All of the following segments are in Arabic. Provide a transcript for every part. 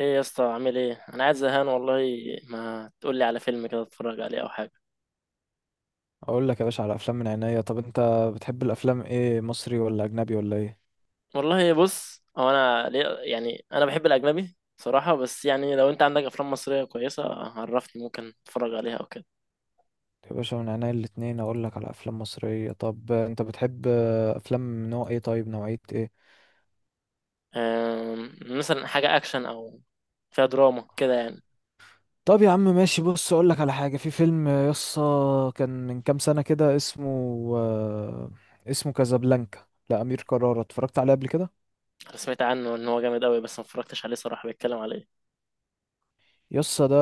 ايه يا اسطى؟ عامل ايه؟ انا قاعد زهقان والله. ما تقول لي على فيلم كده اتفرج عليه او حاجه؟ اقول لك يا باشا على افلام من عينيا. طب انت بتحب الافلام ايه، مصري ولا اجنبي ولا ايه؟ والله بص، هو انا ليه يعني، انا بحب الاجنبي صراحه، بس يعني لو انت عندك افلام مصريه كويسه عرفني ممكن اتفرج عليها او كده. يا باشا من عينيا الاتنين اقول لك على افلام مصرية. طب انت بتحب افلام نوع ايه، طيب نوعية ايه؟ مثلا حاجه اكشن او فيها دراما كده يعني. طب يا عم ماشي، بص اقول لك على حاجة. في فيلم يسطا كان من كام سنة كده آه، اسمه كازابلانكا لأمير كرارة، اتفرجت عليه قبل كده؟ انا سمعت عنه ان هو جامد قوي بس ما اتفرجتش عليه صراحه. بيتكلم على ايه؟ يسا ده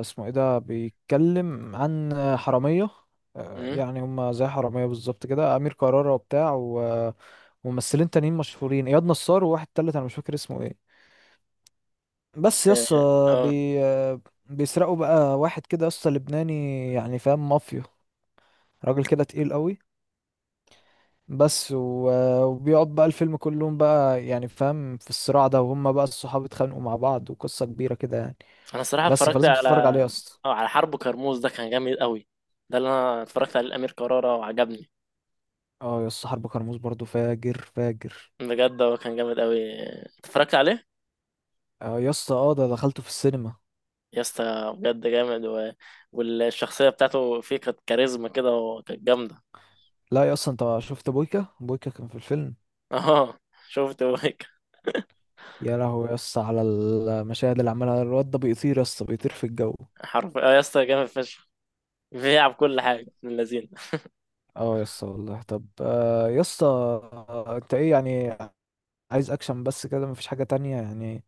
اسمه ايه؟ ده بيتكلم عن حرامية. امم. يعني هما زي حرامية بالظبط كده، أمير كرارة وبتاع وممثلين تانيين مشهورين، إياد نصار وواحد تالت أنا مش فاكر اسمه ايه. بس يسا اه. آه. بي آه، بيسرقوا بقى واحد كده يسا لبناني، يعني فاهم مافيا، راجل كده تقيل قوي. بس وبيقعد بقى الفيلم كلهم بقى، يعني فاهم في الصراع ده، وهم بقى الصحاب اتخانقوا مع بعض وقصة كبيرة كده يعني. انا صراحه بس اتفرجت فلازم على تتفرج عليه يسا. على حرب كرموز. ده كان جامد قوي. ده اللي انا اتفرجت عليه، الامير كرارة، وعجبني اه يا اسطى، حرب كرموز برضو فاجر فاجر. بجد. هو كان جامد قوي، اتفرجت عليه. اه يا اسطى، اه ده دخلته في السينما. يا اسطى بجد جامد والشخصيه بتاعته فيه كانت كاريزما كده وكانت جامده. لا يا اسطى، انت شفت بويكا؟ بويكا كان في الفيلم. اه. شفت، هو هيك. يا لهوي يا اسطى، على المشاهد اللي عملها الواد ده. بيطير يا اسطى، بيطير في الجو. حرف اه يا اسطى، جامد فشخ. بيلعب كل حاجه من اللذين. اه يا اسطى والله. طب يا اسطى انت ايه يعني، عايز اكشن بس كده، مفيش حاجة تانية يعني؟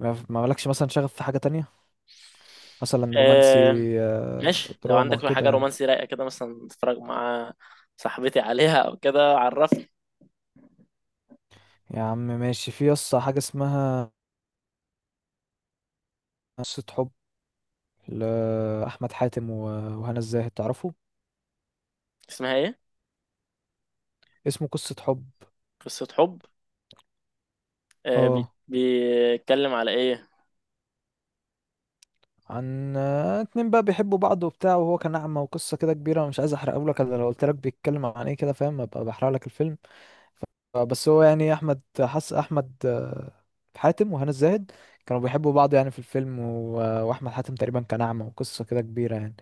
ما مالكش مثلا شغف في حاجة تانية، مثلا رومانسي؟ آه... آه ماشي. لو دراما عندك كده حاجه يعني. رومانسي رايقه كده مثلا تتفرج مع صاحبتي عليها او كده عرفني. يا عم ماشي، في يا اسطى حاجة اسمها قصة حب، لأحمد حاتم و- وهنا الزاهد، تعرفوا؟ اسمها ايه؟ اسمه قصة حب. قصه حب. اه، بيتكلم على ايه؟ عن اتنين بقى بيحبوا بعض وبتاع، وهو كان أعمى وقصة كده كبيرة. أنا مش عايز أحرقه لك. أنا لو قلت لك بيتكلم عن إيه كده، فاهم، أبقى بحرق لك الفيلم. بس هو يعني أحمد حاتم وهنا الزاهد، كانوا بيحبوا بعض يعني في الفيلم، و... وأحمد حاتم تقريبا كان أعمى وقصة كده كبيرة يعني.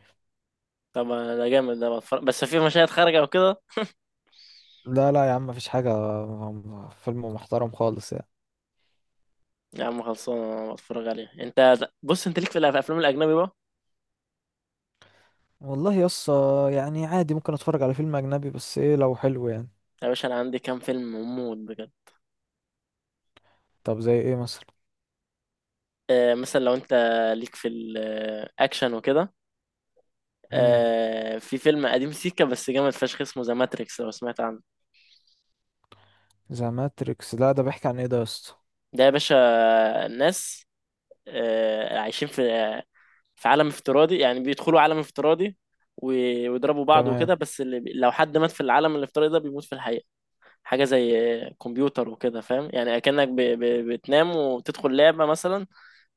طب ده جامد. ده بتفرج بس في مشاهد خارجه او كده؟ لا لا يا عم، مفيش حاجة فيلم محترم خالص يعني. يا عم خلصانه، انا بتفرج عليها. انت بص، انت ليك في الافلام الاجنبي بقى؟ والله يس، يعني عادي ممكن أتفرج على فيلم أجنبي، بس إيه، لو حلو يعني. يا باشا انا عندي كام فيلم موت بجد. طب زي إيه مثلا؟ مثلا لو انت ليك في الاكشن وكده. مم. في فيلم قديم سيكا بس جامد فشخ، اسمه ذا ماتريكس، لو سمعت عنه. ذا ماتريكس؟ لا ده بيحكي عن ايه ده يا اسطى؟ ده يا باشا، ناس عايشين في عالم افتراضي. يعني بيدخلوا عالم افتراضي و- ويضربوا بعض تمام. وكده. بس اللي لو حد مات في العالم الافتراضي ده بيموت في الحقيقة. حاجة زي كمبيوتر وكده، فاهم، يعني كأنك بتنام وتدخل لعبة مثلا.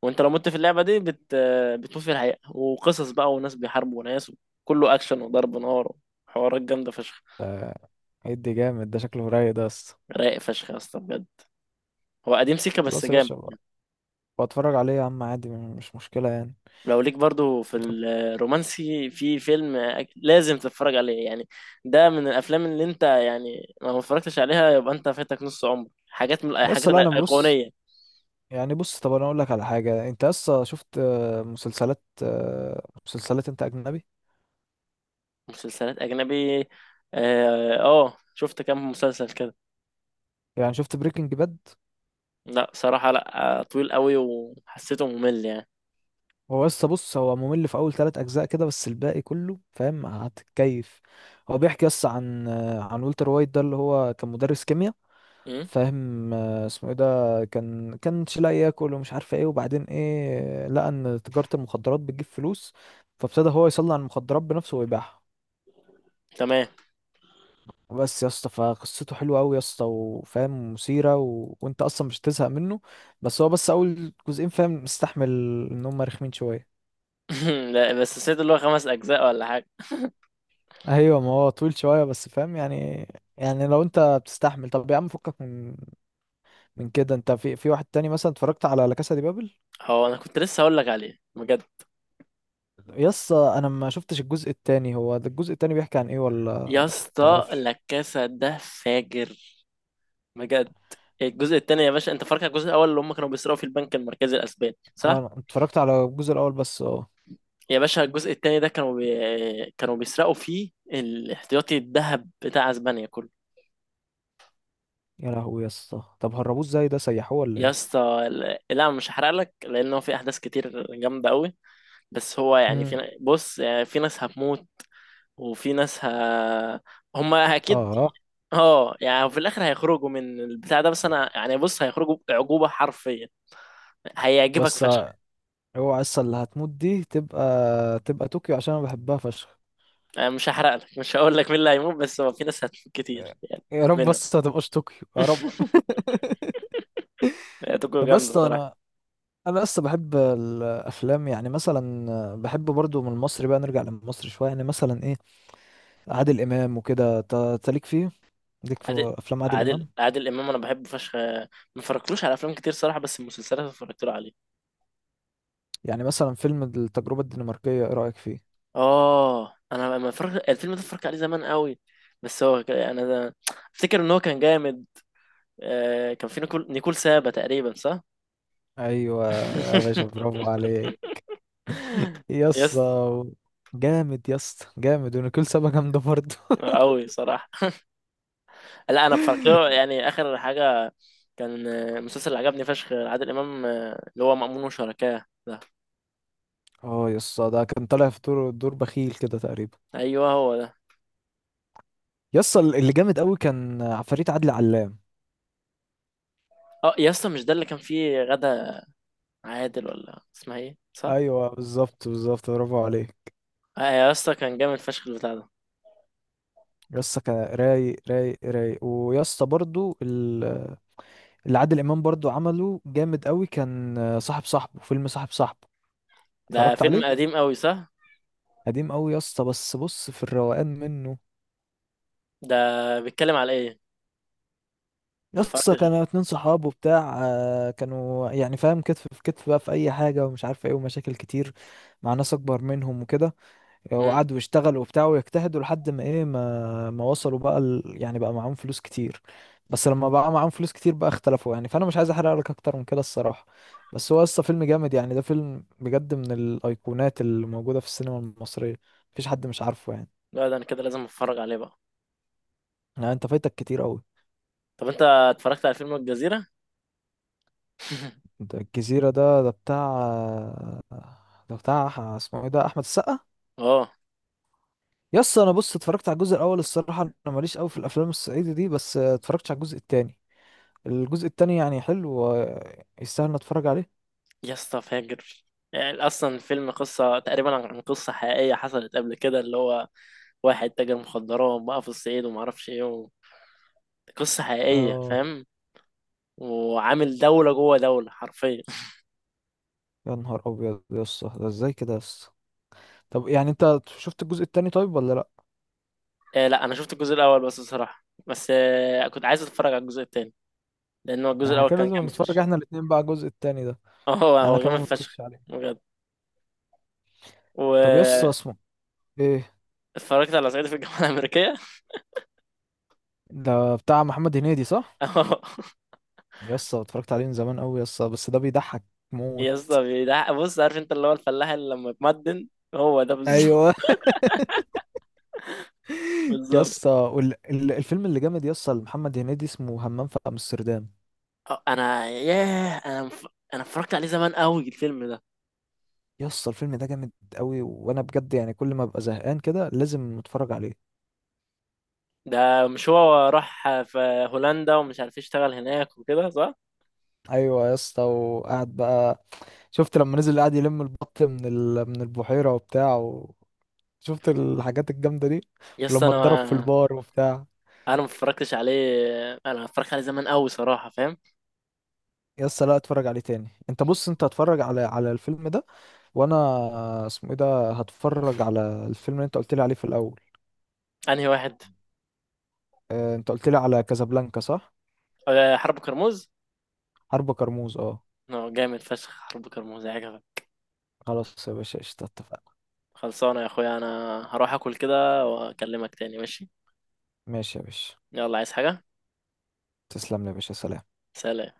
وانت لو مت في اللعبه دي بتموت في الحقيقه. وقصص بقى، وناس بيحاربوا ناس. وكله اكشن وضرب نار وحوارات جامده فشخ. ده ادي جامد، ده شكله رايق ده يا اسطى. رايق فشخ يا اسطى بجد. هو قديم سيكا بس خلاص يا جامد. باشا، بتفرج عليه يا عم عادي، مش مشكلة يعني. لو ليك برضو في طب الرومانسي في فيلم، لازم تتفرج عليه يعني. ده من الافلام اللي انت يعني لو ما اتفرجتش عليها يبقى انت فاتك نص عمر، حاجات من يا الحاجات اسطى، لا انا بص، الايقونيه. يعني بص، طب انا اقول لك على حاجة. انت يا اسطى شفت مسلسلات انت اجنبي؟ مسلسلات اجنبي. اه، شفت كام مسلسل كده. يعني شفت بريكنج باد؟ لا صراحه، لا، طويل قوي وحسيته ممل. هو يا اسطى بص، هو ممل في اول ثلاث اجزاء كده، بس الباقي كله فاهم هتتكيف. هو بيحكي يس عن والتر وايت، ده اللي هو كان مدرس كيمياء يعني. فاهم. اسمه ايه ده، كانش لاقي ياكل ومش عارف ايه، وبعدين ايه لقى ان تجارة المخدرات بتجيب فلوس، فابتدى هو يصنع المخدرات بنفسه ويبيعها. تمام. بس يا اسطى، فقصته حلوه قوي يا اسطى، وفاهم مثيره، و... وانت اصلا مش تزهق منه. بس هو بس اول جزئين فاهم مستحمل، ان هم رخمين شويه. لا بس سمعت اللي هو 5 اجزاء ولا حاجه؟ ايوه، ما هو طويل شويه، بس فاهم يعني. يعني لو انت بتستحمل. طب يا عم فكك من كده. انت في واحد تاني مثلا، اتفرجت على لا كاسا دي بابل؟ هو انا كنت لسه هقول لك عليه بجد. يس انا ما شفتش الجزء التاني. هو ده الجزء التاني بيحكي عن ايه يا ولا، اسطى تعرفش؟ لاكاسا ده فاجر بجد. الجزء التاني يا باشا، انت فاكر الجزء الاول اللي هم كانوا بيسرقوا في البنك المركزي الاسباني، صح؟ اه، انا اتفرجت على الجزء الاول بس، اه. يا باشا الجزء التاني ده كانوا بيسرقوا فيه الاحتياطي الذهب بتاع اسبانيا كله. يا لهوي يس، طب هربوه ازاي؟ ده سيحوه ولا يا ايه؟ اسطى لا، لا، مش هحرق لك لان هو في احداث كتير جامده قوي. بس هو يعني امم. بص يعني في ناس هتموت. وفي ناس هما اكيد. اه، اه، يعني في الاخر هيخرجوا من البتاع ده. بس انا يعني بص، هيخرجوا عقوبه حرفيا. هيعجبك بس فشخ. اوعى لسه اللي هتموت دي تبقى طوكيو، عشان انا بحبها فشخ. انا مش هحرق لك، مش هقول لك مين اللي هيموت، بس هو في ناس هتموت كتير يعني، يا رب، منهم. بس ما تبقاش طوكيو يا رب. هتكون جامده بس صراحه. انا لسه بحب الافلام، يعني مثلا بحب برضو من المصري، بقى نرجع لمصر شويه. يعني مثلا ايه، عادل امام وكده، ت- تليك فيه ليك عادل في افلام عادل عادل امام؟ عادل امام انا بحبه فشخ. ما اتفرجتلوش على افلام كتير صراحه، بس المسلسلات اتفرجت له عليه. يعني مثلا فيلم التجربة الدنماركية، ايه رأيك فيه؟ اه، انا ما اتفرجت الفيلم ده، اتفرجت عليه زمان قوي. بس هو يعني انا افتكر ان هو كان جامد. كان في نيكول سابا تقريبا، صح؟ ايوه يا باشا، برافو عليك. يس. يسا جامد. يسا جامد، ونيكول سابا جامدة برضه. قوي صراحة. لا انا بفرجله يعني اخر حاجة. كان مسلسل اللي عجبني فشخ عادل امام، اللي هو مأمون وشركاه ده. اه يسا ده كان طالع في دور بخيل كده تقريبا. ايوه هو ده. يسا، اللي جامد قوي كان عفاريت عادل علام. اه يا اسطى مش ده اللي كان فيه غدا عادل ولا اسمها ايه، صح؟ ايوه بالظبط بالظبط، برافو عليك. اه يا اسطى كان جامد فشخ البتاع ده. يسا كان رايق رايق رايق. ويسا برضو اللي عادل امام برضو عمله جامد قوي كان صاحب صاحبه فيلم صاحب صاحبه، ده اتفرجت فيلم عليه؟ قديم قوي، صح؟ قديم قوي يا اسطى، بس بص في الروقان منه. ده بيتكلم على ايه؟ يا ما اسطى اتفرجتش. كانوا اتنين صحاب وبتاع، كانوا يعني فاهم كتف في كتف بقى في اي حاجه، ومش عارف ايه، ومشاكل كتير مع ناس اكبر منهم وكده، امم. وقعدوا يشتغلوا وبتاع، ويجتهدوا لحد ما ايه ما وصلوا بقى يعني بقى معاهم فلوس كتير. بس لما بقى معاهم فلوس كتير بقى اختلفوا يعني، فانا مش عايز احرق لك اكتر من كده الصراحه. بس هو لسه فيلم جامد يعني. ده فيلم بجد من الايقونات اللي موجوده في السينما المصريه، مفيش حد مش عارفه يعني. لا ده انا كده لازم اتفرج عليه بقى. يعني انت فايتك كتير قوي. طب انت اتفرجت على فيلم الجزيرة؟ ده الجزيرة ده بتاع، ده بتاع اسمه ايه ده، أحمد السقا. اه يس أنا بص، اتفرجت على الجزء الأول. الصراحة أنا ماليش أوي في الأفلام الصعيدي دي، بس اتفرجتش على الجزء التاني. الجزء التاني يعني حلو، ويستاهل إن أتفرج عليه. يا اسطى فاجر. يعني اصلا الفيلم قصة تقريبا عن قصة حقيقية حصلت قبل كده، اللي هو واحد تاجر مخدرات بقى في الصعيد وما اعرفش ايه قصة حقيقية، اه فاهم. وعامل دولة جوه دولة حرفيا. يا نهار أبيض يس، ده ازاي كده يس؟ طب يعني أنت شفت الجزء التاني طيب ولا لأ؟ لا، انا شفت الجزء الاول بس بصراحة. بس كنت عايز اتفرج على الجزء التاني لانه يعني الجزء احنا الاول كده كان لازم جامد نتفرج فشخ. احنا الاتنين بقى على الجزء التاني ده. اه، هو أنا هو كمان جامد فشخ متفرجتش عليه. بجد. طب يس، واتفرجت اسمه ايه على صعيدي في الجامعة الأمريكية. ده، بتاع محمد هنيدي صح؟ اه يس اتفرجت عليه من زمان أوي يس، بس ده بيضحك موت. يا اسطى بيضحك. بص، عارف انت اللي هو الفلاح اللي لما يتمدن؟ هو ده بالظبط. ايوه يا بالظبط. اسطى، الفيلم اللي جامد يا اسطى لمحمد هنيدي اسمه همام في امستردام. انا ياه، انا اتفرجت عليه زمان قوي الفيلم ده. يا اسطى الفيلم ده جامد قوي، وانا بجد يعني كل ما ابقى زهقان كده لازم اتفرج عليه. ده مش هو راح في هولندا ومش عارف يشتغل هناك وكده، صح؟ ايوه يا اسطى وقعد بقى. شفت لما نزل قعد يلم البط من البحيره وبتاع شفت الحاجات الجامده دي؟ يا اسطى ولما اتضرب في انا البار وبتاع. انا ما اتفرجتش عليه. انا اتفرجت عليه زمان قوي صراحه، فاهم. يا اسطى لا، اتفرج عليه تاني. انت بص، انت اتفرج على الفيلم ده. وانا اسمه ايه ده، هتفرج على الفيلم اللي انت قلت لي عليه في الاول. انهي واحد؟ آه، انت قلت لي على كازابلانكا صح؟ حرب كرموز. حرب كرموز، اه. اه، جامد فشخ حرب كرموز، عجبك؟ خلاص يا باشا، قشطة، اتفقنا. خلصانه يا اخويا، انا هروح اكل كده واكلمك تاني، ماشي؟ ماشي يا باشا. يلا، عايز حاجه؟ تسلم لي يا باشا، سلام. سلام.